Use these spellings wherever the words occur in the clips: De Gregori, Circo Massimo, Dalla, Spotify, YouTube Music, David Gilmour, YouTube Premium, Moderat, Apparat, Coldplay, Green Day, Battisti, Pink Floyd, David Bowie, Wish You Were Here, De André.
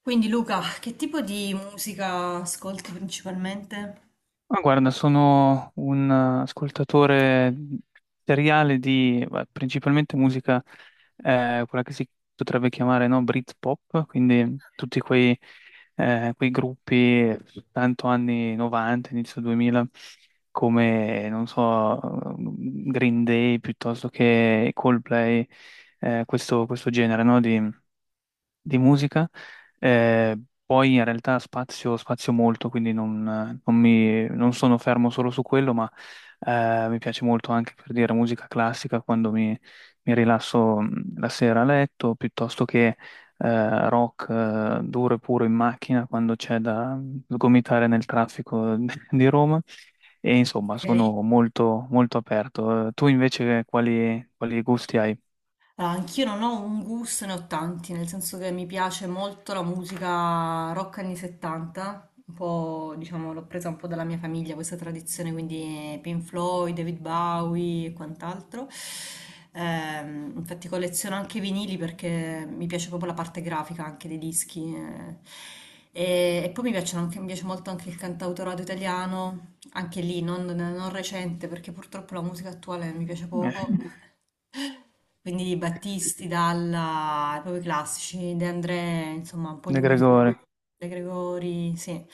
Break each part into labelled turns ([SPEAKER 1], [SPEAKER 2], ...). [SPEAKER 1] Quindi Luca, che tipo di musica ascolti principalmente?
[SPEAKER 2] Ma guarda, sono un ascoltatore seriale di principalmente musica, quella che si potrebbe chiamare, no, Britpop, quindi tutti quei gruppi, tanto anni 90, inizio 2000, come, non so, Green Day piuttosto che Coldplay, questo genere, no, di musica. eh, Poi in realtà spazio molto, quindi non sono fermo solo su quello, ma mi piace molto anche, per dire, musica classica quando mi rilasso, la sera a letto, piuttosto che rock duro e puro in macchina quando c'è da sgomitare nel traffico di Roma. E insomma,
[SPEAKER 1] Ok.
[SPEAKER 2] sono molto, molto aperto. Tu invece quali gusti hai?
[SPEAKER 1] Allora, anch'io non ho un gusto, ne ho tanti, nel senso che mi piace molto la musica rock anni 70, un po', diciamo, l'ho presa un po' dalla mia famiglia questa tradizione, quindi Pink Floyd, David Bowie e quant'altro. Infatti colleziono anche i vinili perché mi piace proprio la parte grafica anche dei dischi. E poi mi piace molto anche il cantautorato italiano, anche lì non recente perché purtroppo la musica attuale mi piace
[SPEAKER 2] Eh,
[SPEAKER 1] poco. Quindi Battisti, Dalla, proprio i classici, De André, insomma un po' di
[SPEAKER 2] De
[SPEAKER 1] musica,
[SPEAKER 2] Gregori.
[SPEAKER 1] De Gregori, sì.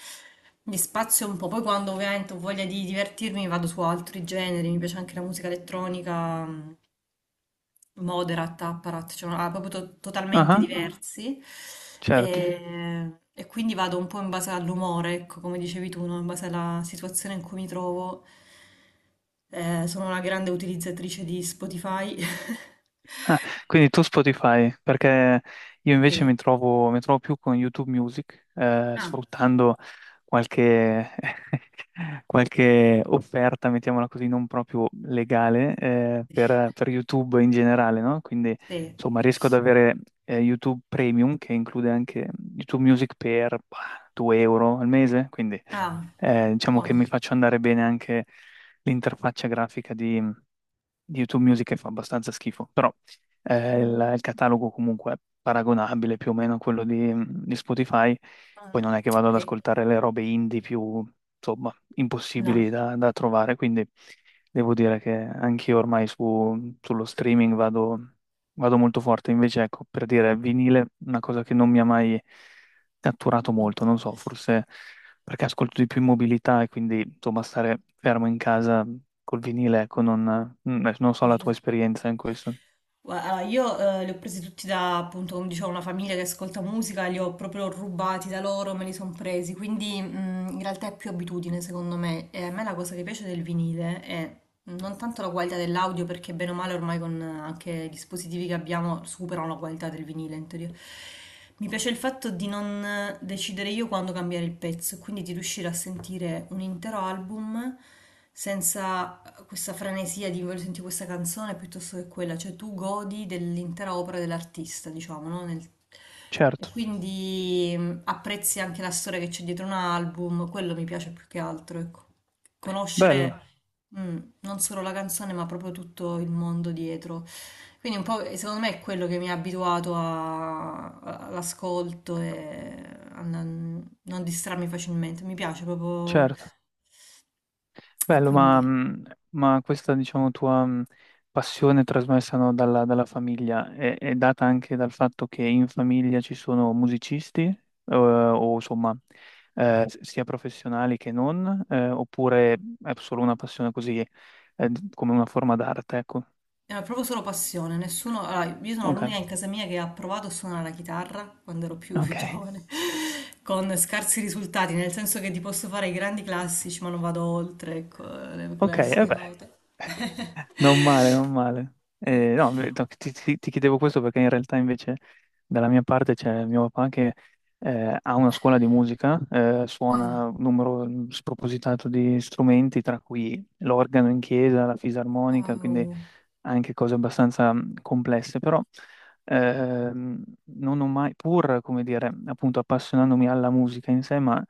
[SPEAKER 1] Mi spazio un po', poi quando ovviamente ho voglia di divertirmi vado su altri generi, mi piace anche la musica elettronica, Moderat, Apparat, cioè proprio
[SPEAKER 2] Ah,
[SPEAKER 1] totalmente
[SPEAKER 2] ah,
[SPEAKER 1] diversi.
[SPEAKER 2] certo.
[SPEAKER 1] E quindi vado un po' in base all'umore, ecco, come dicevi tu, no? In base alla situazione in cui mi trovo. Sono una grande utilizzatrice di Spotify.
[SPEAKER 2] Ah, quindi tu Spotify, perché io invece
[SPEAKER 1] Sì,
[SPEAKER 2] mi trovo più con YouTube Music,
[SPEAKER 1] ah,
[SPEAKER 2] sfruttando qualche, qualche offerta, mettiamola così, non proprio legale, per YouTube in generale, no? Quindi,
[SPEAKER 1] sì.
[SPEAKER 2] insomma, riesco ad avere YouTube Premium, che include anche YouTube Music per, bah, 2 € al mese, quindi
[SPEAKER 1] Ah,
[SPEAKER 2] diciamo che
[SPEAKER 1] buono.
[SPEAKER 2] mi faccio andare bene anche l'interfaccia grafica di YouTube Music, che fa abbastanza schifo. Il catalogo comunque è paragonabile più o meno a quello di Spotify, poi
[SPEAKER 1] Mh-mh.
[SPEAKER 2] non è che vado ad
[SPEAKER 1] Okay.
[SPEAKER 2] ascoltare le robe indie più, insomma,
[SPEAKER 1] No.
[SPEAKER 2] impossibili da trovare, quindi devo dire che anch'io ormai sullo streaming vado molto forte. Invece ecco, per dire, vinile, una cosa che non mi ha mai catturato
[SPEAKER 1] Mh.
[SPEAKER 2] molto, non so, forse perché ascolto di più in mobilità e quindi insomma stare fermo in casa col vinile, ecco, non so la tua
[SPEAKER 1] Dice.
[SPEAKER 2] esperienza in questo.
[SPEAKER 1] Allora, io li ho presi tutti da, appunto, come dicevo, una famiglia che ascolta musica, li ho proprio rubati da loro, me li sono presi, quindi in realtà è più abitudine secondo me. E a me la cosa che piace del vinile è non tanto la qualità dell'audio, perché bene o male ormai con anche i dispositivi che abbiamo superano la qualità del vinile in teoria. Mi piace il fatto di non decidere io quando cambiare il pezzo, quindi di riuscire a sentire un intero album senza questa frenesia di voglio sentire questa canzone piuttosto che quella, cioè tu godi dell'intera opera dell'artista, diciamo, no? E
[SPEAKER 2] Certo.
[SPEAKER 1] quindi apprezzi anche la storia che c'è dietro un album, quello mi piace più che altro, ecco.
[SPEAKER 2] Bello,
[SPEAKER 1] Conoscere mm, non solo la canzone, ma proprio tutto il mondo dietro. Quindi un po', secondo me, è quello che mi ha abituato all'ascolto e a non distrarmi facilmente. Mi piace proprio...
[SPEAKER 2] certo,
[SPEAKER 1] E
[SPEAKER 2] bello,
[SPEAKER 1] quindi...
[SPEAKER 2] ma diciamo, tua, passione trasmessa, no, dalla famiglia è data anche dal fatto che in famiglia ci sono musicisti, o insomma, sia professionali che non, oppure è solo una passione così, come una forma d'arte, ecco.
[SPEAKER 1] Era proprio solo passione, nessuno... allora, io sono
[SPEAKER 2] Ok,
[SPEAKER 1] l'unica in casa mia che ha provato a suonare la chitarra quando ero più
[SPEAKER 2] ok,
[SPEAKER 1] giovane, con scarsi risultati, nel senso che ti posso fare i grandi classici, ma non vado oltre, ecco, le
[SPEAKER 2] ok, e
[SPEAKER 1] classiche
[SPEAKER 2] beh.
[SPEAKER 1] note.
[SPEAKER 2] Non male, non male.
[SPEAKER 1] Eh,
[SPEAKER 2] No, beh, no, ti chiedevo questo perché in realtà invece dalla mia parte c'è mio papà che ha una scuola di musica,
[SPEAKER 1] dai,
[SPEAKER 2] suona un numero spropositato di strumenti, tra cui l'organo in chiesa, la fisarmonica, quindi
[SPEAKER 1] wow,
[SPEAKER 2] anche cose abbastanza, complesse, però non ho mai, pur, come dire, appunto appassionandomi alla musica in sé, ma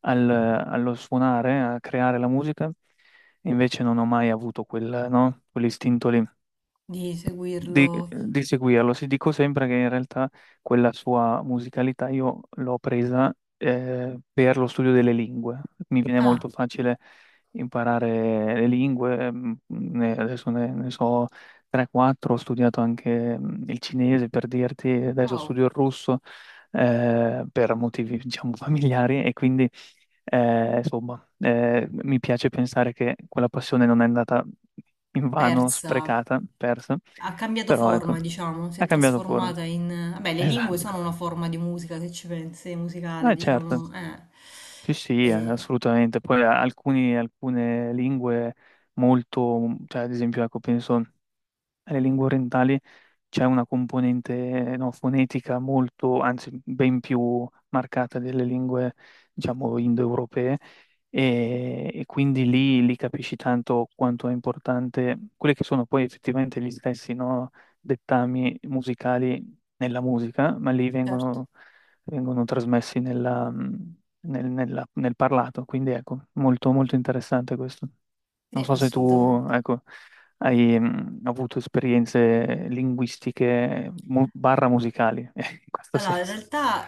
[SPEAKER 2] allo suonare, a creare la musica. E invece non ho mai avuto quel, no? Quell'istinto lì
[SPEAKER 1] di seguirlo.
[SPEAKER 2] di seguirlo. Si dico sempre che in realtà quella sua musicalità io l'ho presa, per lo studio delle lingue. Mi viene
[SPEAKER 1] Ah,
[SPEAKER 2] molto facile imparare le lingue. Adesso ne so 3-4, ho studiato anche, mm, il cinese, per dirti, adesso
[SPEAKER 1] wow,
[SPEAKER 2] studio il russo, per motivi diciamo familiari, e quindi mi piace pensare che quella passione non è andata invano,
[SPEAKER 1] persa.
[SPEAKER 2] sprecata, persa,
[SPEAKER 1] Ha cambiato
[SPEAKER 2] però
[SPEAKER 1] forma,
[SPEAKER 2] ecco,
[SPEAKER 1] diciamo, si è
[SPEAKER 2] ha cambiato forma.
[SPEAKER 1] trasformata in... Vabbè, le lingue sono
[SPEAKER 2] Esatto.
[SPEAKER 1] una forma di musica, se ci pensi, musicale,
[SPEAKER 2] Ah, certo.
[SPEAKER 1] diciamo.
[SPEAKER 2] Sì, sì,
[SPEAKER 1] E
[SPEAKER 2] assolutamente. Poi alcune lingue molto, cioè ad esempio, ecco, penso alle lingue orientali. C'è una componente, no, fonetica molto, anzi ben più marcata delle lingue, diciamo, indoeuropee, e quindi lì capisci tanto quanto è importante quelli che sono poi effettivamente gli stessi, no, dettami musicali nella musica, ma lì
[SPEAKER 1] certo,
[SPEAKER 2] vengono trasmessi nel parlato, quindi ecco, molto, molto interessante questo. Non
[SPEAKER 1] sì,
[SPEAKER 2] so se tu,
[SPEAKER 1] assolutamente.
[SPEAKER 2] ecco. Hai, mm, avuto esperienze linguistiche barra musicali, in questo
[SPEAKER 1] Allora, in
[SPEAKER 2] senso.
[SPEAKER 1] realtà,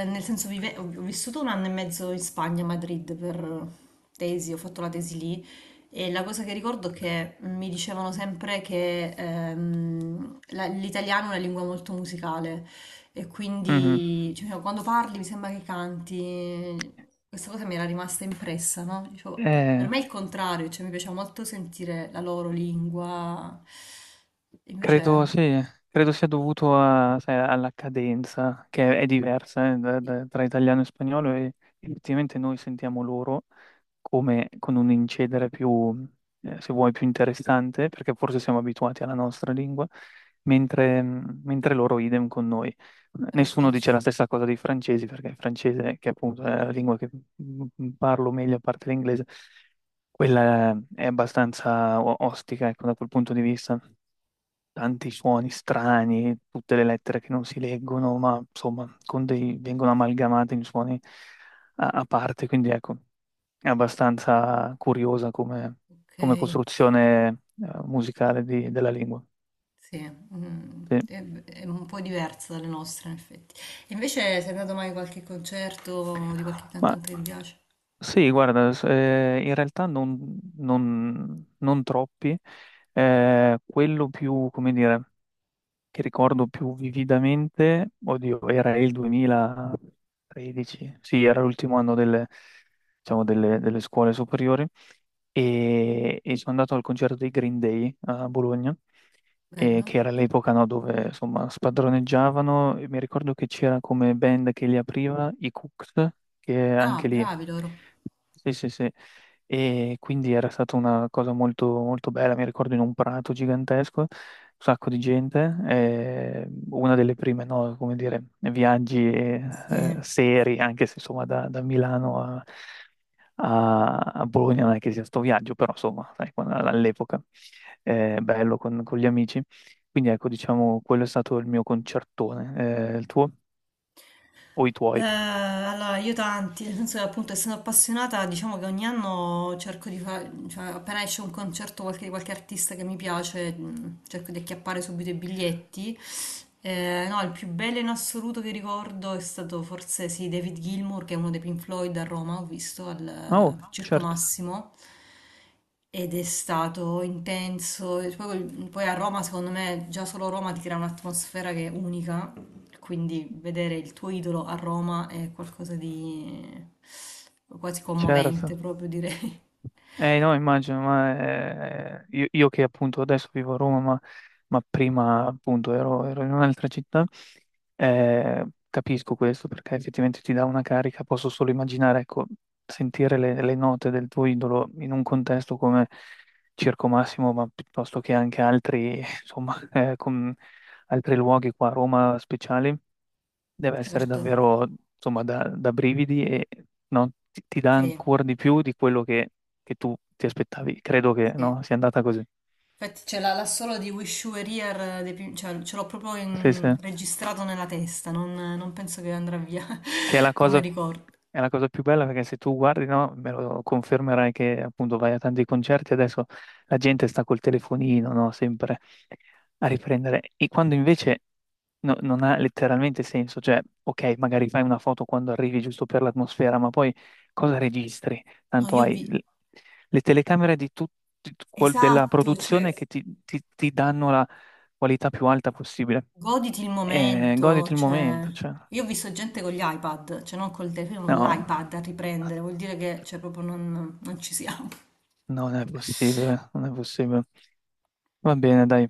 [SPEAKER 1] nel senso, ho vissuto un anno e mezzo in Spagna, a Madrid, per tesi, ho fatto la tesi lì e la cosa che ricordo è che mi dicevano sempre che l'italiano è una lingua molto musicale e
[SPEAKER 2] Mhm.
[SPEAKER 1] quindi cioè, no, quando parli mi sembra che canti, questa cosa mi era rimasta impressa, no? Dicevo, per
[SPEAKER 2] Eh,
[SPEAKER 1] me è il contrario, cioè mi piaceva molto sentire la loro lingua, invece...
[SPEAKER 2] credo, sì, credo sia dovuto sai, alla cadenza, che è diversa, tra italiano e spagnolo, e effettivamente noi sentiamo loro, come con un incedere più, se vuoi, più interessante, perché forse siamo abituati alla nostra lingua, mentre loro idem con noi.
[SPEAKER 1] Certo,
[SPEAKER 2] Nessuno dice la stessa cosa dei francesi, perché il francese, che appunto è la lingua che, mm, parlo meglio a parte l'inglese, quella è abbastanza ostica, ecco, da quel punto di vista. Tanti suoni strani, tutte le lettere che non si leggono, ma insomma, con dei, vengono amalgamate in suoni a parte, quindi ecco, è abbastanza curiosa come, come
[SPEAKER 1] ok,
[SPEAKER 2] costruzione, musicale della lingua.
[SPEAKER 1] sì, mm,
[SPEAKER 2] Sì.
[SPEAKER 1] è un po' diversa dalle nostre in effetti. E invece sei andato mai a qualche concerto di qualche
[SPEAKER 2] Ma
[SPEAKER 1] cantante che ti piace?
[SPEAKER 2] sì, guarda, in realtà non troppi. Quello più, come dire, che ricordo più vividamente, oddio, era il 2013, sì, era l'ultimo anno delle, diciamo, delle scuole superiori. E, e sono andato al concerto dei Green Day, a Bologna, e
[SPEAKER 1] Bello?
[SPEAKER 2] che era l'epoca, no, dove insomma spadroneggiavano. E mi ricordo che c'era come band che li apriva i Cooks, che anche
[SPEAKER 1] Ah,
[SPEAKER 2] lì.
[SPEAKER 1] bravi loro.
[SPEAKER 2] Sì, sì, sì. E quindi era stata una cosa molto, molto bella. Mi ricordo in un prato gigantesco, un sacco di gente. Eh, una delle prime, no, come dire, viaggi,
[SPEAKER 1] Sì.
[SPEAKER 2] seri, anche se insomma da Milano a Bologna, non è che sia sto viaggio, però insomma, sai, all'epoca è bello con gli amici. Quindi ecco, diciamo, quello è stato il mio concertone. Il tuo o i tuoi?
[SPEAKER 1] Allora, io tanti, nel senso che appunto essendo appassionata, diciamo che ogni anno cerco di fare, cioè appena esce un concerto di qualche artista che mi piace, mm, cerco di acchiappare subito i biglietti. No, il più bello in assoluto che ricordo è stato forse sì, David Gilmour, che è uno dei Pink Floyd a Roma, ho visto al
[SPEAKER 2] Oh,
[SPEAKER 1] Circo
[SPEAKER 2] certo,
[SPEAKER 1] Massimo ed è stato intenso. E poi, poi a Roma, secondo me, già solo Roma ti crea un'atmosfera che è unica, quindi vedere il tuo idolo a Roma è qualcosa di quasi commovente,
[SPEAKER 2] certo.
[SPEAKER 1] proprio direi.
[SPEAKER 2] No, immagino, ma io che appunto adesso vivo a Roma, ma prima appunto ero in un'altra città, capisco questo perché effettivamente ti dà una carica, posso solo immaginare, ecco, sentire le note del tuo idolo in un contesto come Circo Massimo, ma piuttosto che anche altri, insomma, altri luoghi qua a Roma speciali, deve essere
[SPEAKER 1] Certo,
[SPEAKER 2] davvero, insomma, da brividi, e no, ti dà
[SPEAKER 1] sì,
[SPEAKER 2] ancora di più di quello che tu ti aspettavi. Credo che,
[SPEAKER 1] sì.
[SPEAKER 2] no, sia andata così.
[SPEAKER 1] Infatti ce l'ha solo di Wish You Were Here, cioè, ce l'ho proprio
[SPEAKER 2] Sì, sì.
[SPEAKER 1] registrato nella testa, non penso che andrà via
[SPEAKER 2] Che
[SPEAKER 1] come ricordo.
[SPEAKER 2] è la cosa più bella, perché se tu guardi, no, me lo confermerai che appunto vai a tanti concerti, adesso la gente sta col telefonino, no, sempre a riprendere. E quando invece non ha letteralmente senso, cioè, ok, magari fai una foto quando arrivi giusto per l'atmosfera, ma poi cosa registri?
[SPEAKER 1] No,
[SPEAKER 2] Tanto
[SPEAKER 1] io
[SPEAKER 2] hai
[SPEAKER 1] vi...
[SPEAKER 2] le telecamere di tut- di- quel- della
[SPEAKER 1] Esatto, cioè,
[SPEAKER 2] produzione che ti danno la qualità più alta possibile.
[SPEAKER 1] goditi il
[SPEAKER 2] Goditi
[SPEAKER 1] momento,
[SPEAKER 2] il
[SPEAKER 1] cioè...
[SPEAKER 2] momento, cioè.
[SPEAKER 1] Io ho visto gente con gli iPad, cioè non col telefono, con
[SPEAKER 2] No,
[SPEAKER 1] l'iPad a riprendere, vuol dire che cioè, proprio non ci siamo.
[SPEAKER 2] non è possibile, non è possibile. Va bene, dai.